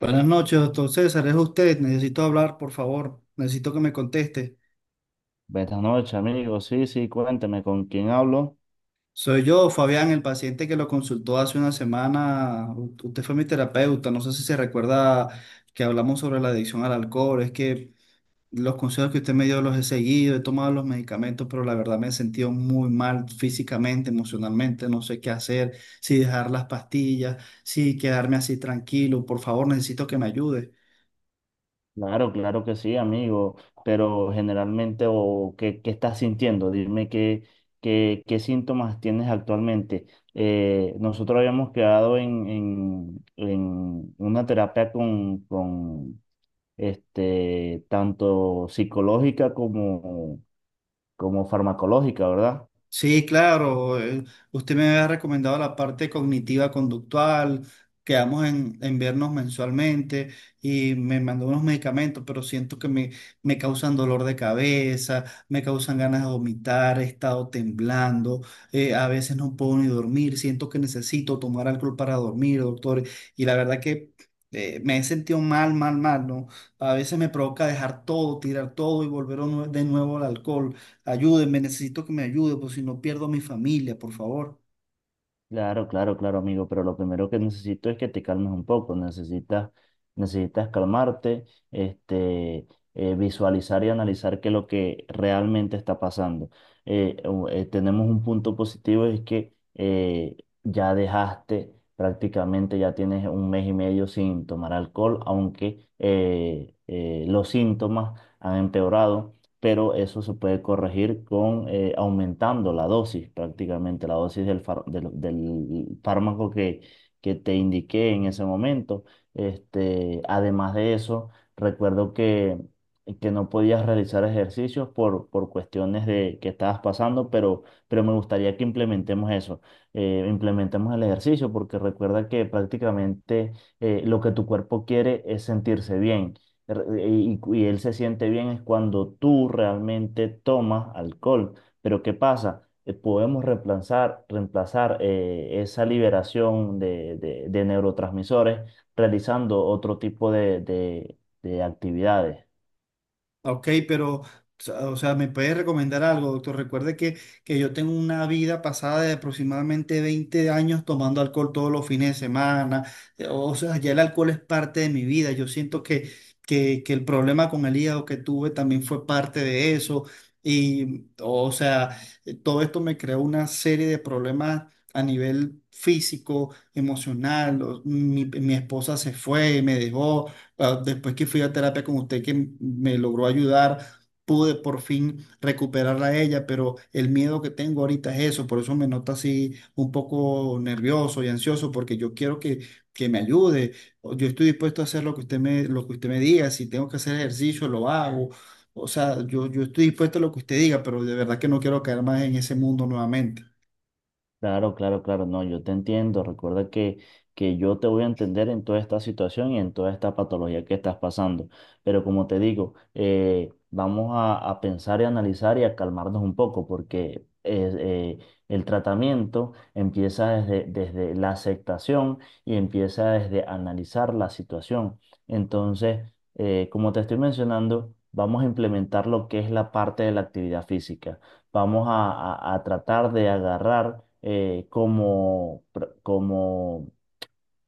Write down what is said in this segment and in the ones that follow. Buenas noches, doctor César. Es usted. Necesito hablar, por favor. Necesito que me conteste. Buenas noches, amigo. Sí, sí, cuénteme con quién hablo. Soy yo, Fabián, el paciente que lo consultó hace una semana. Usted fue mi terapeuta. No sé si se recuerda que hablamos sobre la adicción al alcohol. Es que los consejos que usted me dio los he seguido, he tomado los medicamentos, pero la verdad me he sentido muy mal físicamente, emocionalmente. No sé qué hacer, si dejar las pastillas, si quedarme así tranquilo. Por favor, necesito que me ayude. Claro, claro que sí, amigo. Pero generalmente, o ¿qué estás sintiendo? Dime qué síntomas tienes actualmente. Nosotros habíamos quedado en una terapia con este, tanto psicológica como, como farmacológica, ¿verdad? Sí, claro. Usted me había recomendado la parte cognitiva conductual. Quedamos en vernos mensualmente y me mandó unos medicamentos, pero siento que me causan dolor de cabeza, me causan ganas de vomitar, he estado temblando, a veces no puedo ni dormir, siento que necesito tomar alcohol para dormir, doctor. Y la verdad que me he sentido mal, mal, mal, ¿no? A veces me provoca dejar todo, tirar todo y volver a de nuevo al alcohol. Ayúdenme, necesito que me ayude, por si no pierdo a mi familia, por favor. Claro, claro, claro, amigo, pero lo primero que necesito es que te calmes un poco, necesitas calmarte, este, visualizar y analizar qué es lo que realmente está pasando. Tenemos un punto positivo, es que ya dejaste prácticamente, ya tienes un mes y medio sin tomar alcohol, aunque los síntomas han empeorado, pero eso se puede corregir con aumentando la dosis, prácticamente la dosis del fármaco que te indiqué en ese momento. Este, además de eso, recuerdo que no podías realizar ejercicios por cuestiones de que estabas pasando, pero me gustaría que implementemos eso, implementemos el ejercicio, porque recuerda que prácticamente lo que tu cuerpo quiere es sentirse bien y él se siente bien es cuando tú realmente tomas alcohol. Pero ¿qué pasa? Podemos reemplazar esa liberación de neurotransmisores realizando otro tipo de actividades. Ok, pero, o sea, ¿me puede recomendar algo, doctor? Recuerde que yo tengo una vida pasada de aproximadamente 20 años tomando alcohol todos los fines de semana. O sea, ya el alcohol es parte de mi vida. Yo siento que el problema con el hígado que tuve también fue parte de eso. Y, o sea, todo esto me creó una serie de problemas a nivel físico, emocional. Mi esposa se fue, me dejó ah, después que fui a terapia con usted que me logró ayudar, pude por fin recuperarla a ella, pero el miedo que tengo ahorita es eso, por eso me noto así un poco nervioso y ansioso, porque yo quiero que me ayude. Yo estoy dispuesto a hacer lo que lo que usted me diga, si tengo que hacer ejercicio, lo hago. O sea, yo estoy dispuesto a lo que usted diga, pero de verdad que no quiero caer más en ese mundo nuevamente. Claro, claro, claro, no, yo te entiendo. Recuerda que yo te voy a entender en toda esta situación y en toda esta patología que estás pasando. Pero como te digo, vamos a pensar y analizar y a calmarnos un poco porque es, el tratamiento empieza desde la aceptación y empieza desde analizar la situación. Entonces, como te estoy mencionando, vamos a implementar lo que es la parte de la actividad física, vamos a tratar de agarrar como, pr- como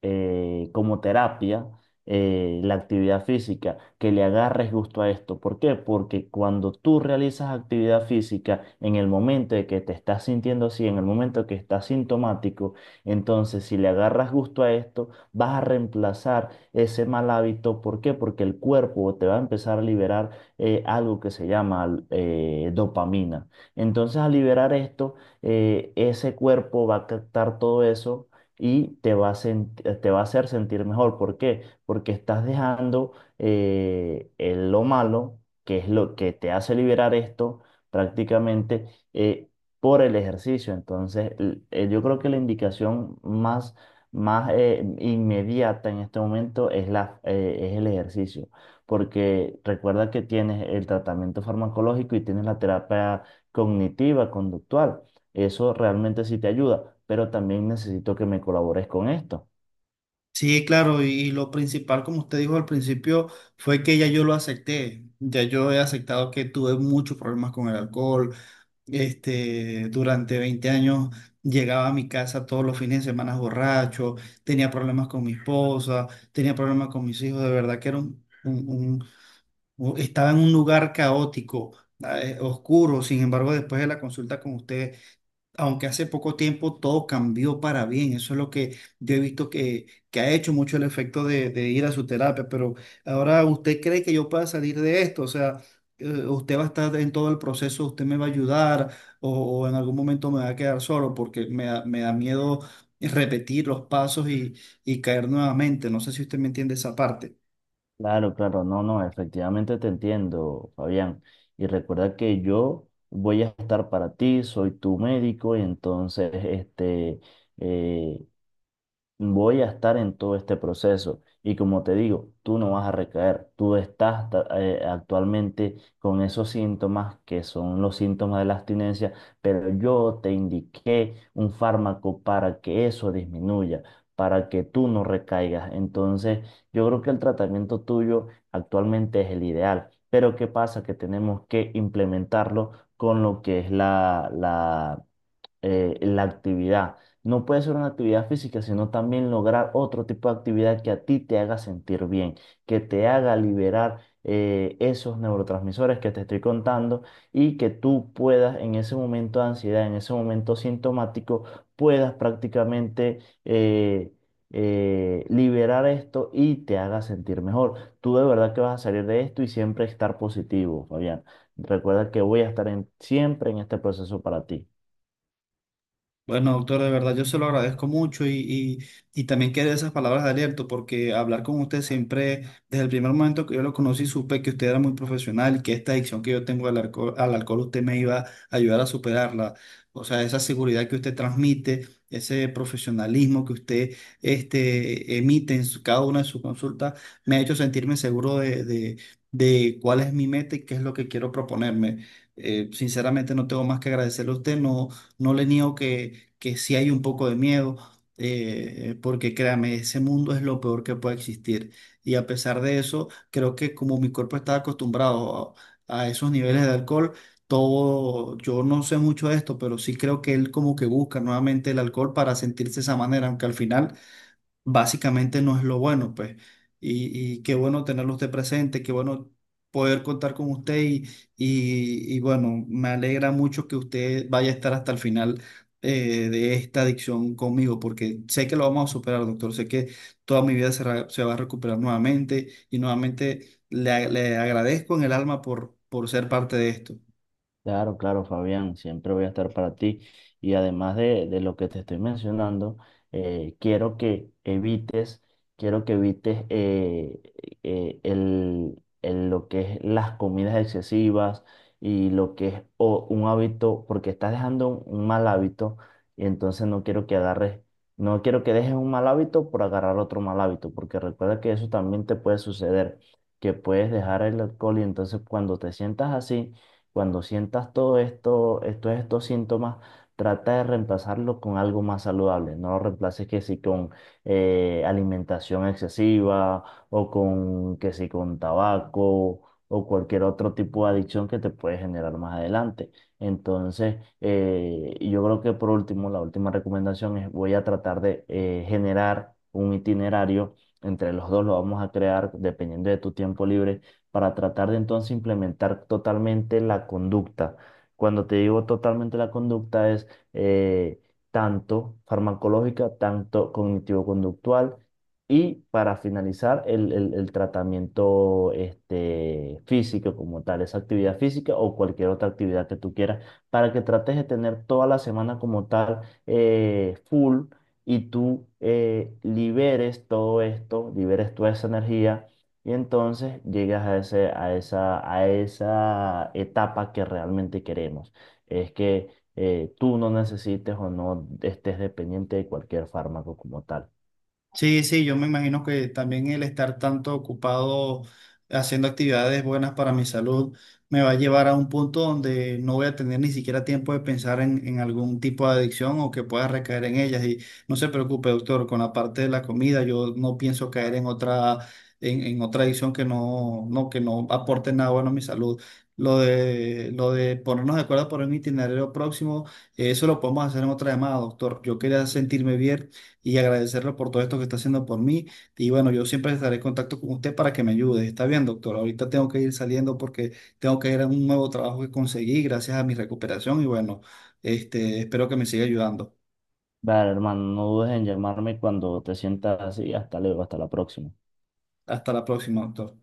eh, como terapia la actividad física, que le agarres gusto a esto. ¿Por qué? Porque cuando tú realizas actividad física en el momento de que te estás sintiendo así, en el momento que estás sintomático, entonces si le agarras gusto a esto, vas a reemplazar ese mal hábito. ¿Por qué? Porque el cuerpo te va a empezar a liberar algo que se llama dopamina. Entonces al liberar esto, ese cuerpo va a captar todo eso y te va a hacer sentir mejor. ¿Por qué? Porque estás dejando lo malo, que es lo que te hace liberar esto, prácticamente eh, por el ejercicio. Entonces, yo creo que la indicación más inmediata en este momento es, es el ejercicio. Porque recuerda que tienes el tratamiento farmacológico y tienes la terapia cognitiva, conductual. Eso realmente sí te ayuda, pero también necesito que me colabores con esto. Sí, claro, y lo principal, como usted dijo al principio, fue que ya yo lo acepté. Ya yo he aceptado que tuve muchos problemas con el alcohol. Este, durante 20 años llegaba a mi casa todos los fines de semana borracho, tenía problemas con mi esposa, tenía problemas con mis hijos. De verdad que era estaba en un lugar caótico, oscuro. Sin embargo, después de la consulta con usted, aunque hace poco tiempo todo cambió para bien. Eso es lo que yo he visto que ha hecho mucho el efecto de ir a su terapia. Pero ahora, ¿usted cree que yo pueda salir de esto? O sea, ¿usted va a estar en todo el proceso? ¿Usted me va a ayudar? O en algún momento me va a quedar solo? Porque me da miedo repetir los pasos y caer nuevamente. No sé si usted me entiende esa parte. Claro, claro, no, no, efectivamente te entiendo, Fabián. Y recuerda que yo voy a estar para ti, soy tu médico, y entonces, este, eh, voy a estar en todo este proceso. Y como te digo, tú no vas a recaer. Tú actualmente con esos síntomas que son los síntomas de la abstinencia, pero yo te indiqué un fármaco para que eso disminuya, para que tú no recaigas. Entonces, yo creo que el tratamiento tuyo actualmente es el ideal. Pero ¿qué pasa? Que tenemos que implementarlo con lo que es la actividad. No puede ser una actividad física, sino también lograr otro tipo de actividad que a ti te haga sentir bien, que te haga liberar esos neurotransmisores que te estoy contando y que tú puedas en ese momento de ansiedad, en ese momento sintomático, puedas prácticamente eh, liberar esto y te haga sentir mejor. Tú de verdad que vas a salir de esto y siempre estar positivo, Fabián. Recuerda que voy a estar siempre en este proceso para ti. Bueno, doctor, de verdad yo se lo agradezco mucho y también quiero esas palabras de aliento porque hablar con usted siempre, desde el primer momento que yo lo conocí, supe que usted era muy profesional y que esta adicción que yo tengo al alcohol usted me iba a ayudar a superarla. O sea, esa seguridad que usted transmite, ese profesionalismo que usted este, emite en cada una de sus consultas, me ha hecho sentirme seguro de cuál es mi meta y qué es lo que quiero proponerme. Sinceramente no tengo más que agradecerle a usted, no, no le niego que sí hay un poco de miedo, porque créame, ese mundo es lo peor que puede existir. Y a pesar de eso, creo que como mi cuerpo está acostumbrado a esos niveles de alcohol, todo, yo no sé mucho de esto, pero sí creo que él como que busca nuevamente el alcohol para sentirse de esa manera, aunque al final básicamente no es lo bueno, pues. Y qué bueno tenerlo usted presente, qué bueno poder contar con usted y bueno, me alegra mucho que usted vaya a estar hasta el final de esta adicción conmigo, porque sé que lo vamos a superar, doctor, sé que toda mi vida se, se va a recuperar nuevamente y nuevamente le agradezco en el alma por ser parte de esto. Claro, claro, Fabián, siempre voy a estar para ti. Y además de lo que te estoy mencionando, eh, quiero que evites, quiero que evites lo que es las comidas excesivas y lo que es un hábito, porque estás dejando un mal hábito y entonces no quiero que agarres, no quiero que dejes un mal hábito por agarrar otro mal hábito, porque recuerda que eso también te puede suceder, que puedes dejar el alcohol y entonces cuando te sientas así, cuando sientas todo esto, estos síntomas, trata de reemplazarlo con algo más saludable. No lo reemplaces que si con alimentación excesiva o con que si con tabaco o cualquier otro tipo de adicción que te puede generar más adelante. Entonces, yo creo que por último, la última recomendación es voy a tratar de generar un itinerario. Entre los dos lo vamos a crear dependiendo de tu tiempo libre para tratar de entonces implementar totalmente la conducta. Cuando te digo totalmente la conducta es eh, tanto farmacológica, tanto cognitivo-conductual y para finalizar el tratamiento, este, físico como tal, esa actividad física o cualquier otra actividad que tú quieras, para que trates de tener toda la semana como tal, full, y tú liberes todo esto, liberes toda esa energía y entonces llegas a ese, a esa etapa que realmente queremos. Es que tú no necesites o no estés dependiente de cualquier fármaco como tal. Sí, sí, yo me imagino que también el estar tanto ocupado haciendo actividades buenas para mi salud me va a llevar a un punto donde no voy a tener ni siquiera tiempo de pensar en algún tipo de adicción o que pueda recaer en ellas. Y no se preocupe, doctor, con la parte de la comida, yo no pienso caer en otra, en otra adicción que no, no, que no aporte nada bueno a mi salud. Lo de ponernos de acuerdo por un itinerario próximo, eso lo podemos hacer en otra llamada, doctor. Yo quería sentirme bien y agradecerle por todo esto que está haciendo por mí. Y bueno, yo siempre estaré en contacto con usted para que me ayude. Está bien, doctor. Ahorita tengo que ir saliendo porque tengo que ir a un nuevo trabajo que conseguí gracias a mi recuperación y bueno, este, espero que me siga ayudando. Vale, hermano, no dudes en llamarme cuando te sientas así. Hasta luego, hasta la próxima. Hasta la próxima, doctor.